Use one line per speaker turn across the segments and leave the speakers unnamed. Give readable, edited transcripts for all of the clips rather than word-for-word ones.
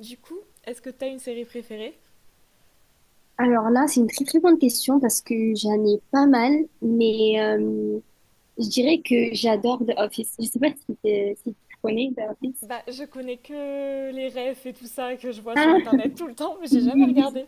Du coup, est-ce que t'as une série préférée?
Alors là, c'est une très très bonne question parce que j'en ai pas mal, mais je dirais que j'adore The Office. Je sais pas si, si tu connais The Office.
Bah, je connais que les refs et tout ça que je vois sur
Ah,
internet tout le temps, mais j'ai jamais
oui, oui.
regardé.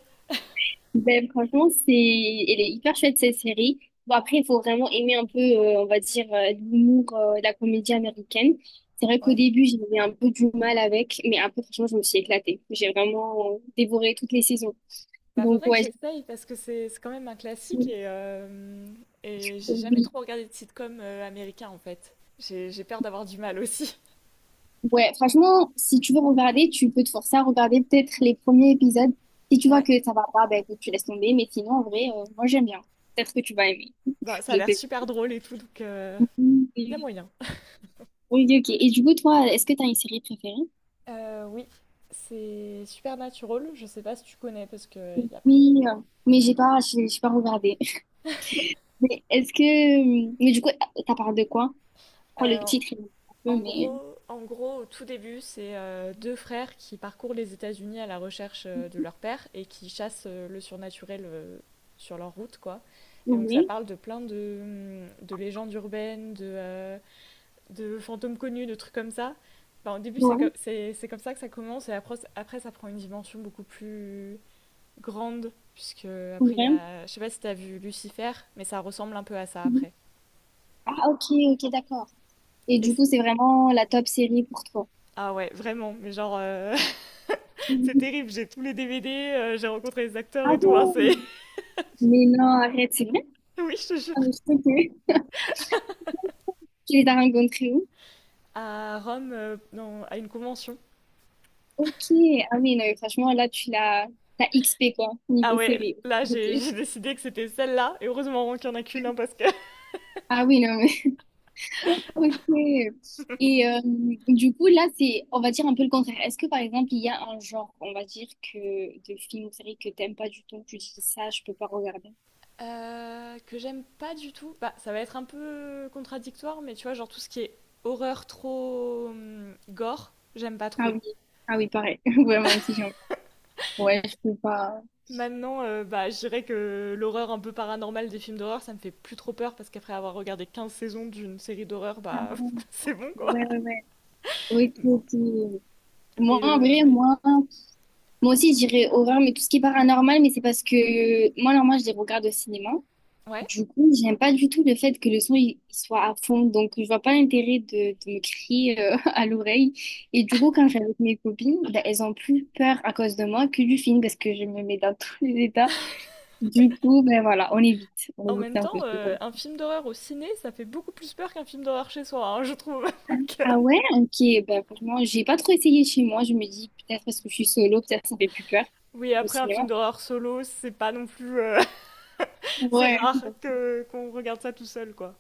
Ben, franchement, c'est, elle est hyper chouette cette série. Bon, après, il faut vraiment aimer un peu, on va dire, l'humour, la comédie américaine. C'est vrai qu'au
Ouais.
début, j'avais un peu du mal avec, mais après, franchement, je me suis éclatée. J'ai vraiment dévoré toutes les saisons.
Bah,
Donc,
faudrait que
ouais,
j'essaye parce que c'est quand même un classique
oui,
et j'ai jamais
oui.
trop regardé de sitcom américain en fait. J'ai peur d'avoir du mal aussi.
Ouais, franchement, si tu veux regarder, tu peux te forcer à regarder peut-être les premiers épisodes. Si tu vois
Ouais.
que ça va pas, ben écoute, tu laisses tomber. Mais sinon, en vrai, moi j'aime bien. Peut-être que tu vas aimer.
Bah, ça a
Je
l'air
sais
super
pas.
drôle et tout, donc
Mm.
y a moyen.
Oui, ok. Et du coup, toi, est-ce que t'as une série préférée?
Oui, c'est Supernatural, je sais pas si tu connais parce que
Oui, mais j'ai pas, j'ai pas regardé. Mais est-ce que, mais du coup, ça parle de quoi? Je crois que le
Euh,
titre, il est un
En
peu, mais
gros, au tout début, c'est deux frères qui parcourent les États-Unis à la recherche de leur père et qui chassent le surnaturel sur leur route, quoi. Et donc ça
oui,
parle de plein de légendes urbaines, de fantômes connus, de trucs comme ça. Enfin, au début,
ouais,
c'est comme ça que ça commence et après, après, ça prend une dimension beaucoup plus grande, puisque après, il y
ouais.
a... Je sais pas si t'as vu Lucifer, mais ça ressemble un peu à ça
Mhm.
après.
Ah, ok, ok, d'accord. Et
Et
du
c'est-
coup, c'est vraiment la top série pour toi.
ah ouais, vraiment, mais genre... C'est
Mhm.
terrible, j'ai tous les DVD, j'ai rencontré les acteurs
Ah
et tout, hein, c'est...
bon? Mais non, arrête, c'est vrai?
Oui, je te jure.
Ah, mais je sais que tu les as rencontrés où?
À Rome, non, à une convention.
Ok, ah oui, non, mais franchement, là, tu l'as t'as XP, quoi,
Ah
niveau
ouais,
série. Ok.
j'ai décidé que c'était celle-là, et heureusement qu'il n'y en a qu'une, hein, parce que...
Ah oui, non, mais... Ok. Et du coup, là, c'est, on va dire un peu le contraire. Est-ce que, par exemple, il y a un genre, on va dire, que de films ou séries que t'aimes pas du tout, tu dis ça, je peux pas regarder?
Que j'aime pas du tout. Bah, ça va être un peu contradictoire, mais tu vois, genre tout ce qui est horreur trop gore, j'aime pas
Ah
trop.
oui, ah oui, pareil. Vraiment aussi, j'en... Ouais, je peux pas...
Maintenant, bah, je dirais que l'horreur un peu paranormale des films d'horreur, ça me fait plus trop peur, parce qu'après avoir regardé 15 saisons d'une série d'horreur, bah, c'est bon, quoi.
Ouais, ouais, ouais. Ok, ok. Moi, en vrai,
Ouais.
moi... Moi aussi, je dirais horreur, mais tout ce qui est paranormal, mais c'est parce que moi, normalement, je les regarde au cinéma.
Ouais.
Du coup, j'aime pas du tout le fait que le son il soit à fond, donc je vois pas l'intérêt de me crier à l'oreille. Et du coup, quand je suis avec mes copines, ben, elles ont plus peur à cause de moi que du film parce que je me mets dans tous les états. Du coup, ben voilà, on
En
évite
même
un peu
temps,
ce genre.
un film d'horreur au ciné, ça fait beaucoup plus peur qu'un film d'horreur chez soi, hein, je trouve. Donc,
Ah ouais, ok, ben franchement, j'ai pas trop essayé chez moi. Je me dis peut-être parce que je suis solo, peut-être ça fait plus peur
oui,
au
après, un
cinéma.
film d'horreur solo, c'est pas non plus. C'est
Ouais.
rare que, qu'on regarde ça tout seul, quoi.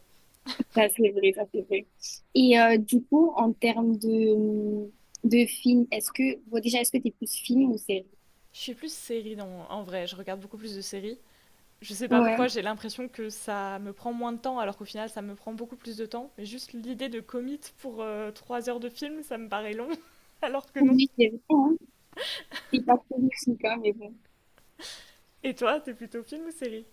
Ça, c'est vrai, ça, c'est vrai. Et du coup, en termes de films, est-ce que, bon, déjà, est-ce que t'es plus film ou série?
Je suis plus en vrai, je regarde beaucoup plus de séries. Je sais pas pourquoi,
Ouais.
j'ai l'impression que ça me prend moins de temps, alors qu'au final, ça me prend beaucoup plus de temps. Mais juste l'idée de commit pour 3 heures de film, ça me paraît long, alors que non.
Oui, c'est vrai, hein. C'est pas trop luxique, hein, mais bon.
Et toi, t'es plutôt film ou série?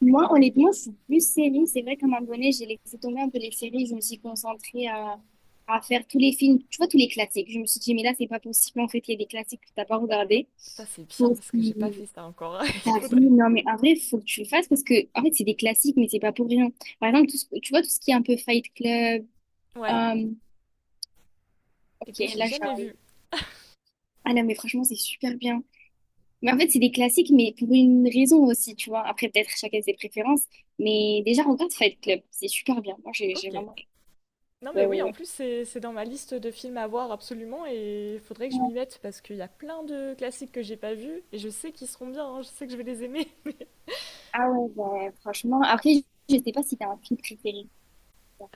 Moi, honnêtement, je suis plus série. C'est vrai qu'à un moment donné, j'ai laissé tomber un peu les séries. Je me suis concentrée à faire tous les films, tu vois, tous les classiques. Je me suis dit, mais là, c'est pas possible. En fait, il y a des classiques que t'as pas regardé.
Ça, c'est
Faut
bien, parce que j'ai pas
aussi-
fait ça encore. Il
T'as vu,
faudrait.
non, mais en vrai, faut que tu le fasses parce que, en fait, c'est des classiques, mais c'est pas pour rien. Par exemple, tu vois, tout ce qui est un peu Fight Club,
Ouais.
Euh,
Et
ok,
puis, je l'ai jamais vu.
ah non, mais franchement, c'est super bien. Mais en fait, c'est des classiques, mais pour une raison aussi, tu vois. Après, peut-être chacun ses préférences. Mais déjà, regarde Fight Club, c'est super bien. Moi, j'ai
Ok.
vraiment...
Non mais
Ouais,
oui, en
ouais,
plus c'est dans ma liste de films à voir absolument et il faudrait que je
ouais.
m'y mette parce qu'il y a plein de classiques que j'ai pas vus et je sais qu'ils seront bien, hein, je sais que je vais les aimer.
Ah ouais, bah, franchement. Après, je sais pas si t'as un film préféré.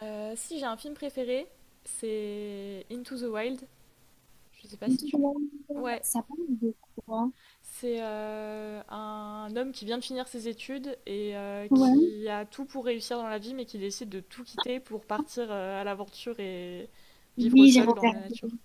Si j'ai un film préféré, c'est Into the Wild. Je sais pas si
Tout
tu...
le monde,
Ouais,
ça parle de quoi?
c'est un homme qui vient de finir ses études et
Ouais.
qui a tout pour réussir dans la vie mais qui décide de tout quitter pour partir à l'aventure et vivre
Oui, j'ai
seul dans la
regardé.
nature.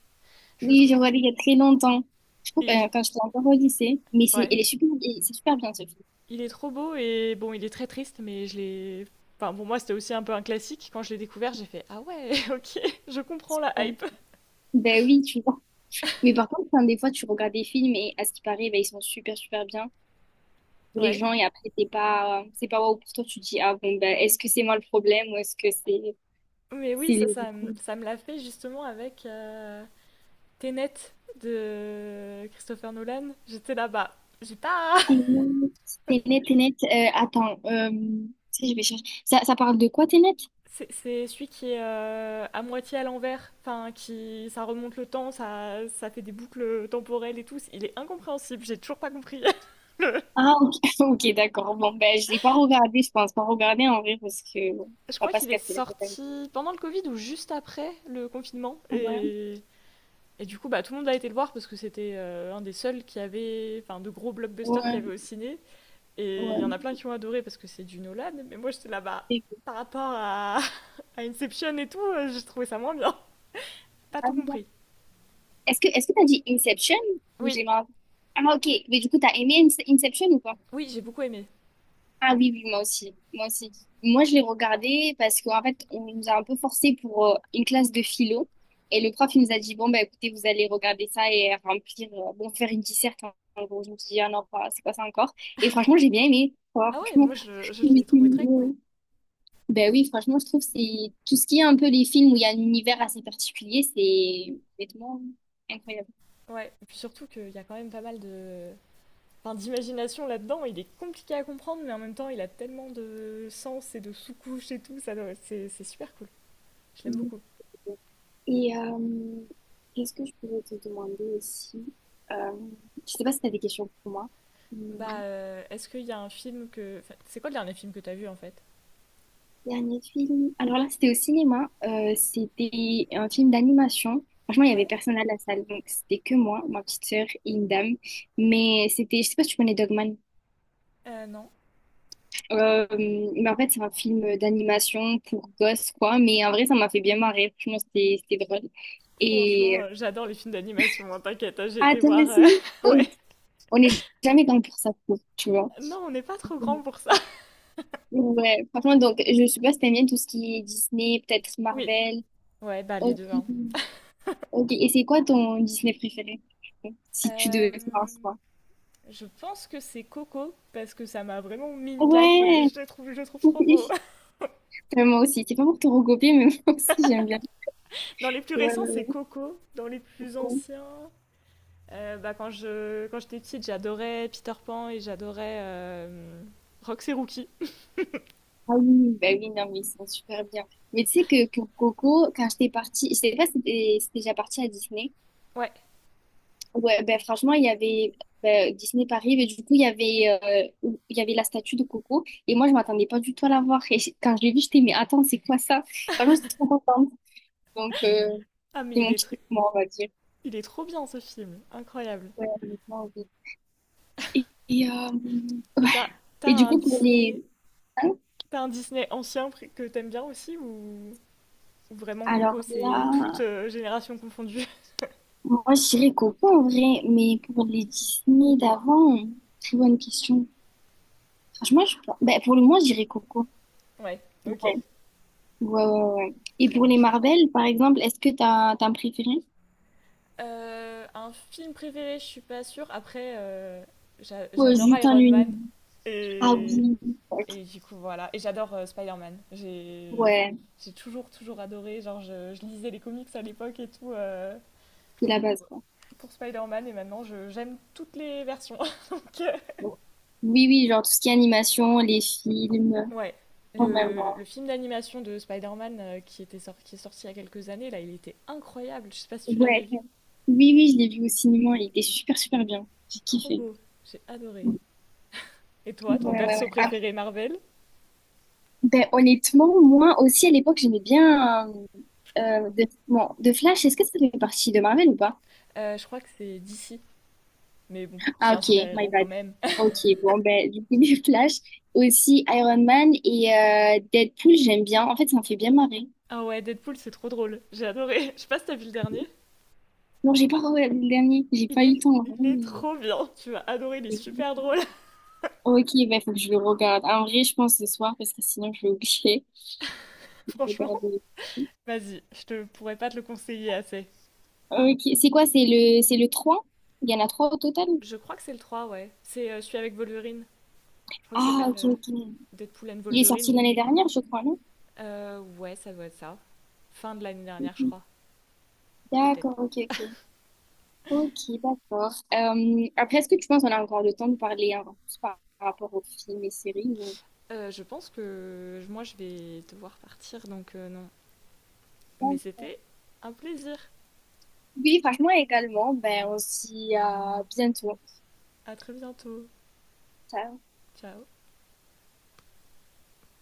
Je le
Oui,
trouve...
j'ai regardé il y a très longtemps. Je crois que
et je-
quand j'étais encore au lycée. Mais c'est,
Ouais,
elle est super, et c'est super bien ce film.
il est trop beau et bon, il est très triste, mais je l'ai. Enfin, pour moi, c'était aussi un peu un classique. Quand je l'ai découvert, j'ai fait ah ouais, ok, je comprends la
Ouais.
hype.
Ben oui, tu vois. Mais par contre, enfin, des fois, tu regardes des films et à ce qui paraît, ben, ils sont super, super bien pour les
Ouais.
gens et après, t'es pas, c'est pas waouh pour toi. Tu te dis, ah bon, ben, est-ce que c'est moi le problème ou est-ce que c'est
Mais oui,
c'est les gens?
ça me l'a fait justement avec Tenet de Christopher Nolan. J'étais là-bas. J'ai pas.
T'es net, T'es net. Attends, tu sais, je vais chercher. Ça parle de quoi, t'es net?
C'est celui qui est à moitié à l'envers. Enfin, qui. Ça remonte le temps, ça fait des boucles temporelles et tout. Il est incompréhensible, j'ai toujours pas compris. le-
Ah, ok, ok, d'accord. Bon, ben, je l'ai pas regardé, je pense pas regarder en vrai parce que bon,
Je
on va
crois
pas se
qu'il est
casser la tête avec.
sorti pendant le Covid ou juste après le confinement.
Ouais,
Et du coup, bah, tout le monde a été le voir parce que c'était un des seuls qui avait, enfin, de gros blockbusters qui
ouais,
avait au ciné. Et il y en
ouais.
a plein qui ont adoré parce que c'est du Nolan. Mais moi, j'étais là-bas
Et-
par rapport à Inception et tout, j'ai trouvé ça moins bien. Pas
ah,
tout
d'accord.
compris.
Est-ce que t'as dit Inception ou
Oui,
j'ai mal? Ah, ok, mais du coup, t'as aimé Inception ou pas?
oui, j'ai beaucoup aimé.
Ah oui, oui, moi aussi. Moi aussi. Moi, je l'ai regardé parce qu'en fait, on nous a un peu forcé pour une classe de philo. Et le prof, il nous a dit, bon, bah, écoutez, vous allez regarder ça et remplir, bon, faire une disserte. En gros, je me suis dit, ah non, pas, c'est pas ça encore. Et franchement, j'ai bien aimé. Quoi.
Ah ouais,
Franchement,
je
je me suis
l'ai trouvé
dit,
très cool.
ouais. Ben oui, franchement, je trouve que c'est tout ce qui est un peu les films où il y a un univers assez particulier, c'est honnêtement incroyable.
Ouais, et puis surtout qu'il y a quand même pas mal de, enfin, d'imagination là-dedans. Il est compliqué à comprendre, mais en même temps, il a tellement de sens et de sous-couches et tout. C'est super cool. Je l'aime beaucoup.
Et qu'est-ce que je pourrais te demander aussi? Euh, je sais pas si tu as des questions pour moi. Hum,
Bah, est-ce qu'il y a un film que. Enfin, c'est quoi le dernier film que t'as vu en fait?
Dernier film. Alors là, c'était au cinéma. C'était un film d'animation. Franchement, il y avait
Ouais.
personne à la salle, donc c'était que moi, ma petite sœur et une dame. Mais c'était, je sais pas si tu connais Dogman.
Non.
Mais en fait, c'est un film d'animation pour gosses, quoi. Mais en vrai, ça m'a fait bien marrer. Franchement, c'était drôle.
Franchement,
Et
j'adore les films d'animation, hein, t'inquiète, hein, j'ai
ah,
été
toi
voir,
aussi?
ouais.
Oui. On n'est jamais dans pour ça, je trouve, tu vois.
Non, on n'est pas trop grand pour ça.
Ouais, franchement, donc, je sais pas si t'aimes bien tout ce qui est Disney, peut-être
Oui.
Marvel.
Ouais, bah les
Ok.
deux, hein.
Ok, et c'est quoi ton Disney préféré? Si tu devais faire un
Euh,
choix.
je pense que c'est Coco parce que ça m'a vraiment mis une claque et
Ouais,
je le trouve trop beau.
oui. Moi aussi, c'est pas pour te recopier, mais moi aussi j'aime bien.
Dans les plus
Ouais,
récents, c'est
ouais,
Coco. Dans les plus
ouais.
anciens, bah, quand j'étais petite, j'adorais Peter Pan et j'adorais Roxy Rookie.
Ah oui, bah oui, non, mais ils sont super bien. Mais tu sais que pour Coco, quand j'étais partie, je sais pas si t'es si t'es déjà partie à Disney,
Ouais.
ouais, ben franchement, il y avait ben, Disney Paris, mais du coup, il y avait la statue de Coco. Et moi, je m'attendais pas du tout à la voir. Et quand je l'ai vue, j'étais, mais attends, c'est quoi ça? Franchement, j'étais trop contente. Donc,
Ah
c'est
mais
mon petit moment, on va dire.
il est trop bien ce film, incroyable.
Ouais, honnêtement, oui. Et,
Et
ouais.
t'as t'as
Et du
un
coup, pour les.
Disney?
Hein.
T'as un Disney ancien que t'aimes bien aussi, ou vraiment
Alors
Coco c'est toute
là,
génération confondue?
moi, je dirais Coco en vrai, mais pour les Disney d'avant, très bonne question. Franchement, je... ben, pour le moment, je dirais Coco.
Ouais.
Ouais.
Ok.
Ouais, ouais, ouais. Et
Très
pour
bon
les
choix.
Marvel, par exemple, est-ce que t'as, t'as un préféré?
Un film préféré, je suis pas sûre. Après,
Ou
j'adore
juste un
Iron Man.
univers? Ah
et
oui, ok.
Et du coup, voilà. Et j'adore Spider-Man.
Ouais,
J'ai toujours, toujours adoré. Genre, je lisais les comics à l'époque et tout,
c'est la base,
pour,
quoi.
pour Spider-Man. Et maintenant, j'aime toutes les versions. Donc,
Bon. Oui, oui, genre tout ce qui est animation, les films,
ouais.
quand même. Ouais.
Le film d'animation de Spider-Man qui est sorti il y a quelques années, là, il était incroyable. Je sais pas si tu l'avais
Ouais.
vu.
Oui, oui, je l'ai vu au cinéma, il était super, super bien. J'ai
Trop
kiffé.
beau. J'ai adoré.
Ouais,
Et toi, ton
ouais, ouais.
perso
Ah,
préféré Marvel?
ben, honnêtement, moi aussi, à l'époque, j'aimais bien de Flash. Est-ce que ça fait partie de Marvel ou pas?
Je crois que c'est DC. Mais bon, c'est
Ah
un
ok, my
super-héros quand
bad.
même.
Ok, bon ben du coup les Flash, aussi Iron Man et Deadpool j'aime bien. En fait ça me fait bien marrer.
Ah ouais, Deadpool, c'est trop drôle. J'ai adoré. Je sais pas si t'as vu le dernier.
Non j'ai pas regardé le dernier, j'ai
Il
pas eu
est,
le temps vraiment,
il est
mais-
trop bien. Tu vas adorer, il est super drôle.
ok, ben faut que je le regarde. En vrai je pense ce soir parce que sinon je vais oublier de
Franchement,
regarder.
vas-y, je te pourrais pas te le conseiller assez.
Ok, c'est quoi? C'est le 3. Il y en a 3 au total?
Je crois que c'est le 3, ouais. C'est celui avec Wolverine. Je crois qu'il
Ah
s'appelle
ok ok.
Deadpool and
Il est sorti
Wolverine.
l'année dernière je crois, non?
Ouais, ça doit être ça. Fin de l'année dernière, je crois. Peut-être.
D'accord, ok ok. Ok, d'accord. Après, est-ce que tu penses qu'on a encore le temps de parler un peu plus par rapport aux films et séries ou-
Je pense que moi, je vais devoir partir, donc non. Mais c'était un plaisir.
oui, franchement, également. Ben, on se dit à bientôt.
À très bientôt.
Ciao.
Ciao.